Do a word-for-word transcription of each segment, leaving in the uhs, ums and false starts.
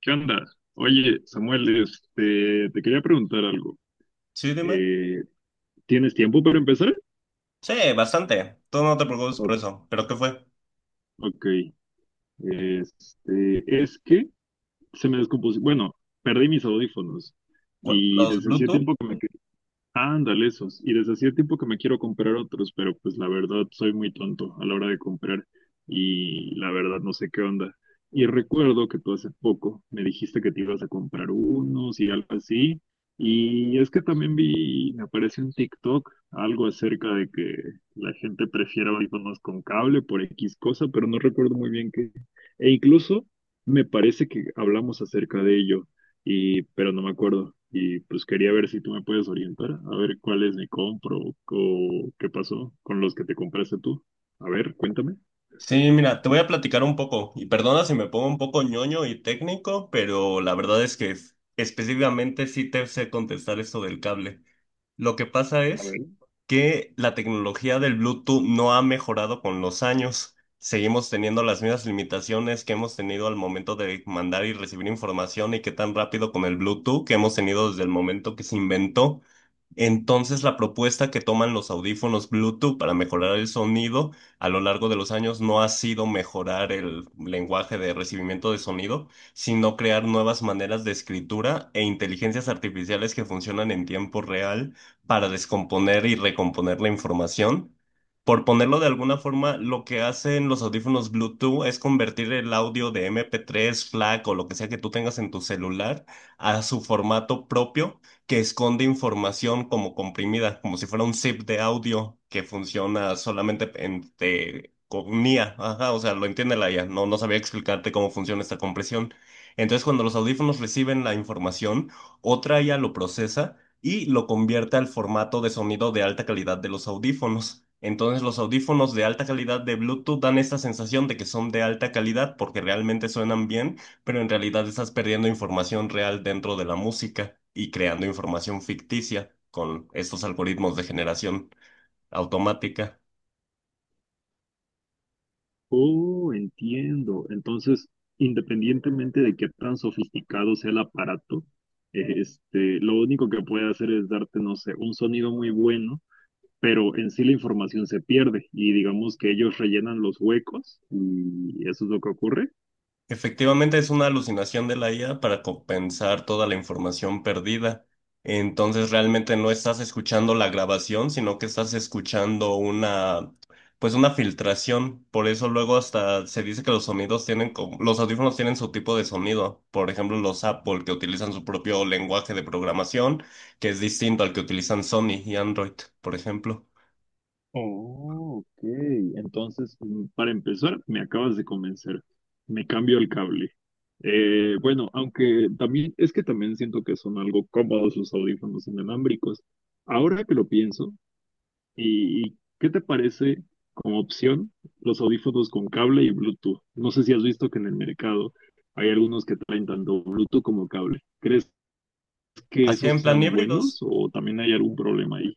¿Qué onda? Oye, Samuel, este, te quería preguntar algo. Sí, dime. Eh, ¿tienes tiempo para empezar? Sí, bastante. Tú no te preocupes por O- eso. ¿Pero qué fue? Ok. Este, es que se me descompuso. Bueno, perdí mis audífonos ¿Cu- y ¿Los desde hacía Bluetooth? tiempo que me. Ándale, esos. Y desde hacía tiempo que me quiero comprar otros, pero pues la verdad soy muy tonto a la hora de comprar y la verdad no sé qué onda. Y recuerdo que tú hace poco me dijiste que te ibas a comprar unos y algo así. Y es que también vi, me aparece en TikTok algo acerca de que la gente prefiere audífonos con cable por X cosa, pero no recuerdo muy bien qué. E incluso me parece que hablamos acerca de ello y, pero no me acuerdo. Y pues quería ver si tú me puedes orientar, a ver cuáles me compro o qué pasó con los que te compraste tú. A ver, cuéntame. Sí, mira, te voy a platicar un poco, y perdona si me pongo un poco ñoño y técnico, pero la verdad es que es- específicamente sí te sé contestar esto del cable. Lo que pasa A es ver. que la tecnología del Bluetooth no ha mejorado con los años. Seguimos teniendo las mismas limitaciones que hemos tenido al momento de mandar y recibir información y que tan rápido con el Bluetooth que hemos tenido desde el momento que se inventó. Entonces, la propuesta que toman los audífonos Bluetooth para mejorar el sonido a lo largo de los años no ha sido mejorar el lenguaje de recibimiento de sonido, sino crear nuevas maneras de escritura e inteligencias artificiales que funcionan en tiempo real para descomponer y recomponer la información. Por ponerlo de alguna forma, lo que hacen los audífonos Bluetooth es convertir el audio de M P tres, FLAC o lo que sea que tú tengas en tu celular a su formato propio que esconde información como comprimida, como si fuera un zip de audio que funciona solamente en, de- con I A. Ajá, o sea, lo entiende la I A. No, no sabía explicarte cómo funciona esta compresión. Entonces, cuando los audífonos reciben la información, otra I A lo procesa y lo convierte al formato de sonido de alta calidad de los audífonos. Entonces los audífonos de alta calidad de Bluetooth dan esta sensación de que son de alta calidad porque realmente suenan bien, pero en realidad estás perdiendo información real dentro de la música y creando información ficticia con estos algoritmos de generación automática. Oh, entiendo. Entonces, independientemente de qué tan sofisticado sea el aparato, eh, este, lo único que puede hacer es darte, no sé, un sonido muy bueno, pero en sí la información se pierde y digamos que ellos rellenan los huecos y eso es lo que ocurre. Efectivamente, es una alucinación de la I A para compensar toda la información perdida. Entonces, realmente no estás escuchando la grabación, sino que estás escuchando una, pues una filtración. Por eso luego hasta se dice que los sonidos tienen, como- los audífonos tienen su tipo de sonido. Por ejemplo, los Apple que utilizan su propio lenguaje de programación, que es distinto al que utilizan Sony y Android, por ejemplo. Oh, ok. Entonces, mm, para empezar, me acabas de convencer. Me cambio el cable. Eh, bueno, aunque también es que también siento que son algo cómodos los audífonos inalámbricos. Ahora que lo pienso, ¿y, y qué te parece como opción los audífonos con cable y Bluetooth? No sé si has visto que en el mercado hay algunos que traen tanto Bluetooth como cable. ¿Crees que Así en esos plan sean buenos híbridos. o también hay algún problema ahí?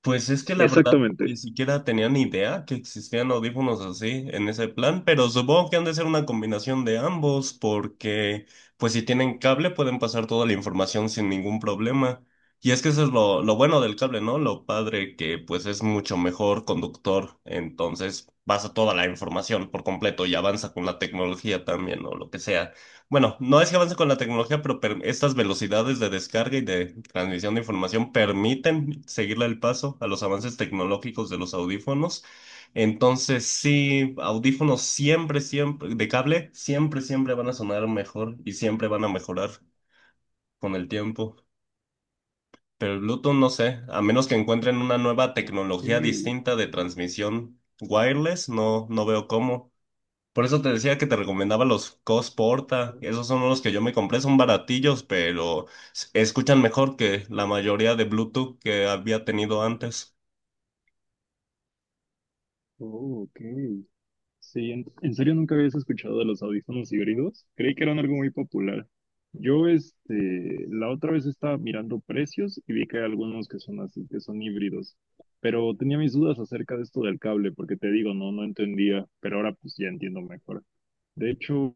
Pues es que la verdad ni Exactamente. siquiera tenía ni idea que existían audífonos así en ese plan, pero supongo que han de ser una combinación de ambos porque pues si tienen cable pueden pasar toda la información sin ningún problema. Y es que eso es lo, lo bueno del cable, ¿no? Lo padre que pues es mucho mejor conductor, entonces pasa toda la información por completo y avanza con la tecnología también o lo que sea. Bueno, no es que avance con la tecnología, pero per- estas velocidades de descarga y de transmisión de información permiten seguirle el paso a los avances tecnológicos de los audífonos. Entonces, sí, audífonos siempre, siempre, de cable, siempre, siempre van a sonar mejor y siempre van a mejorar con el tiempo. Pero el Bluetooth, no sé, a menos que encuentren una nueva tecnología Ok. distinta de transmisión wireless, no, no veo cómo. Por eso te decía que te recomendaba los Cosporta. Esos son los que yo me compré, son baratillos, pero s- escuchan mejor que la mayoría de Bluetooth que había tenido antes. Oh, ok. Sí, en, en serio nunca habías escuchado de los audífonos híbridos. Creí que eran algo muy popular. Yo, este, la otra vez estaba mirando precios y vi que hay algunos que son así, que son híbridos. Pero tenía mis dudas acerca de esto del cable, porque te digo, no, no entendía, pero ahora pues ya entiendo mejor. De hecho,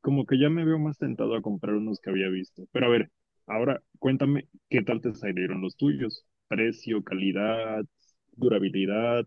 como que ya me veo más tentado a comprar unos que había visto. Pero a ver, ahora cuéntame qué tal te salieron los tuyos. Precio, calidad, durabilidad.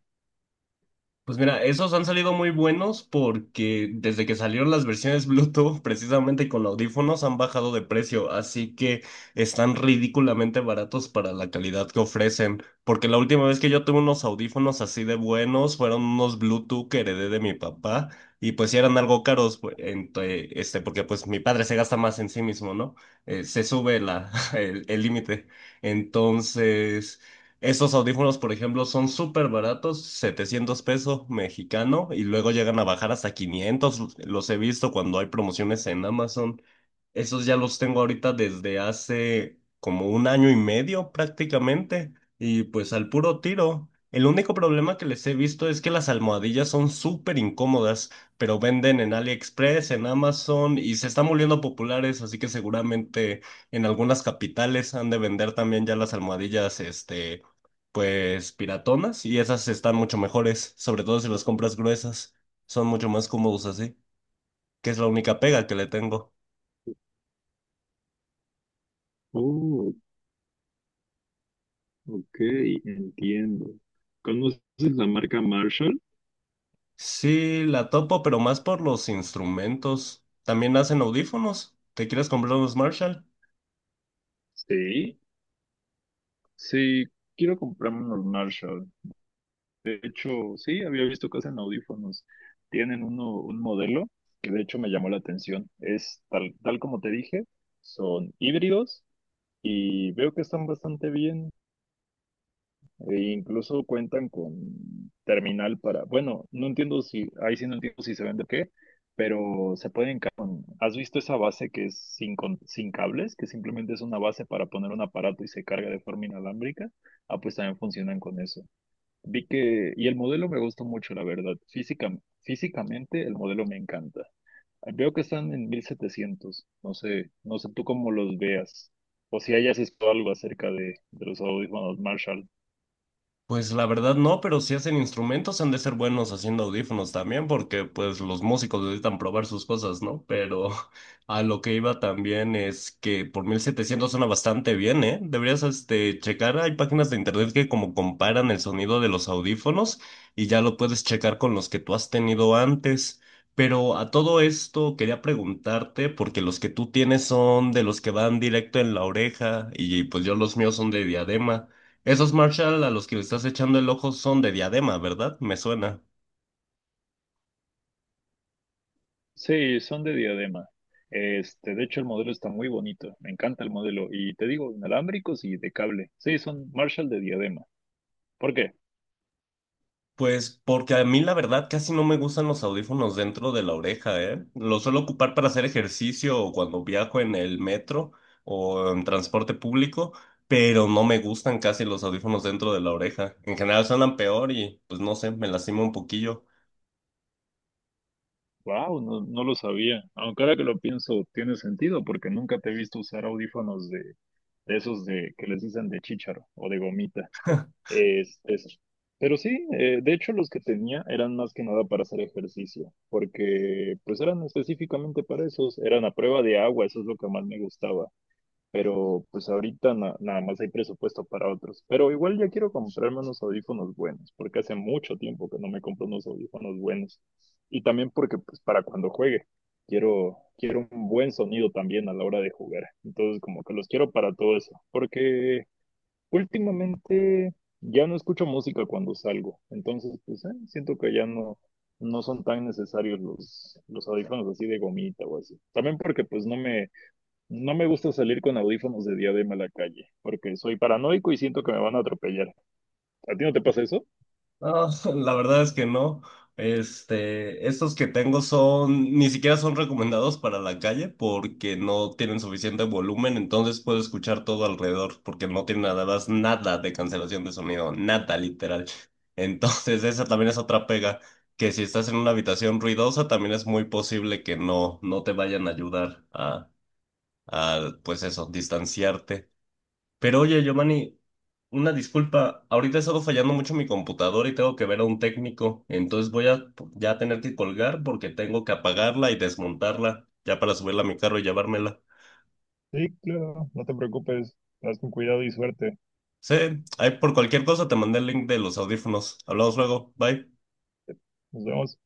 Pues mira, esos han salido muy buenos porque desde que salieron las versiones Bluetooth, precisamente con audífonos, han bajado de precio, así que están ridículamente baratos para la calidad que ofrecen. Porque la última vez que yo tuve unos audífonos así de buenos fueron unos Bluetooth que heredé de mi papá y pues sí eran algo caros, pues, ente- este, porque pues mi padre se gasta más en sí mismo, ¿no? Eh, se sube la, el el límite. Entonces... Esos audífonos, por ejemplo, son súper baratos, setecientos pesos mexicano, y luego llegan a bajar hasta quinientos. Los he visto cuando hay promociones en Amazon. Esos ya los tengo ahorita desde hace como un año y medio prácticamente, y pues al puro tiro. El único problema que les he visto es que las almohadillas son súper incómodas, pero venden en AliExpress, en Amazon, y se están volviendo populares, así que seguramente en algunas capitales han de vender también ya las almohadillas, este, pues piratonas y esas están mucho mejores, sobre todo si las compras gruesas, son mucho más cómodos así, que es la única pega que le tengo. Oh, ok, entiendo. ¿Conoces la marca Marshall? Sí, la topo, pero más por los instrumentos. También hacen audífonos. ¿Te quieres comprar unos Marshall? Sí, sí, quiero comprarme unos Marshall. De hecho, sí, había visto que hacen audífonos. Tienen uno, un modelo que de hecho me llamó la atención. Es tal, tal como te dije, son híbridos y veo que están bastante bien. E incluso cuentan con terminal para, bueno, no entiendo si, ahí sí no entiendo si se vende o qué, pero se pueden, ca- con- ¿has visto esa base que es sin, con- sin cables, que simplemente es una base para poner un aparato y se carga de forma inalámbrica? Ah, pues también funcionan con eso. Vi que, y el modelo me gustó mucho, la verdad. Física, físicamente el modelo me encanta. Veo que están en mil setecientos, no sé, no sé tú cómo los veas, o si hayas visto algo acerca de, de, los audífonos Marshall. Pues la verdad no, pero si hacen instrumentos han de ser buenos haciendo audífonos también, porque pues los músicos necesitan probar sus cosas, ¿no? Pero a lo que iba también es que por mil setecientos suena bastante bien, ¿eh? Deberías este, checar, hay páginas de internet que como comparan el sonido de los audífonos y ya lo puedes checar con los que tú has tenido antes. Pero a todo esto quería preguntarte, porque los que tú tienes son de los que van directo en la oreja y pues yo los míos son de diadema. Esos Marshall a los que le estás echando el ojo son de diadema, ¿verdad? Me suena. Sí, son de diadema. Este, de hecho, el modelo está muy bonito. Me encanta el modelo. Y te digo, inalámbricos y de cable. Sí, son Marshall de diadema. ¿Por qué? Pues porque a mí la verdad casi no me gustan los audífonos dentro de la oreja, ¿eh? Los suelo ocupar para hacer ejercicio o cuando viajo en el metro o en transporte público, pero no me gustan casi los audífonos dentro de la oreja. En general suenan peor y pues no sé, me lastima un poquillo. Wow, no, no lo sabía. Aunque ahora que lo pienso, tiene sentido porque nunca te he visto usar audífonos de, de esos de que les dicen de chícharo o de gomita. Es, es- Pero sí, eh, de hecho, los que tenía eran más que nada para hacer ejercicio, porque pues eran específicamente para esos, eran a prueba de agua, eso es lo que más me gustaba, pero pues ahorita na- nada más hay presupuesto para otros. Pero igual ya quiero comprarme unos audífonos buenos, porque hace mucho tiempo que no me compro unos audífonos buenos. Y también porque pues para cuando juegue, quiero, quiero un buen sonido también a la hora de jugar. Entonces como que los quiero para todo eso, porque últimamente ya no escucho música cuando salgo. Entonces pues eh, siento que ya no... No son tan necesarios los, los audífonos así de gomita o así. También porque pues no me, no me gusta salir con audífonos de diadema a la calle, porque soy paranoico y siento que me van a atropellar. ¿A ti no te pasa eso? No, la verdad es que no. Este, estos que tengo son, ni siquiera son recomendados para la calle porque no tienen suficiente volumen, entonces puedo escuchar todo alrededor porque no tienen nada, nada de cancelación de sonido, nada literal. Entonces, esa también es otra pega, que si estás en una habitación ruidosa, también es muy posible que no, no te vayan a ayudar a, a pues eso, distanciarte. Pero oye, Giovanni, una disculpa, ahorita he estado fallando mucho mi computadora y tengo que ver a un técnico, entonces voy a ya tener que colgar porque tengo que apagarla y desmontarla ya para subirla a mi carro y llevármela. Sí, claro, no te preocupes. Vas con cuidado y suerte. Sí, ahí por cualquier cosa te mandé el link de los audífonos. Hablamos luego, bye. Nos vemos.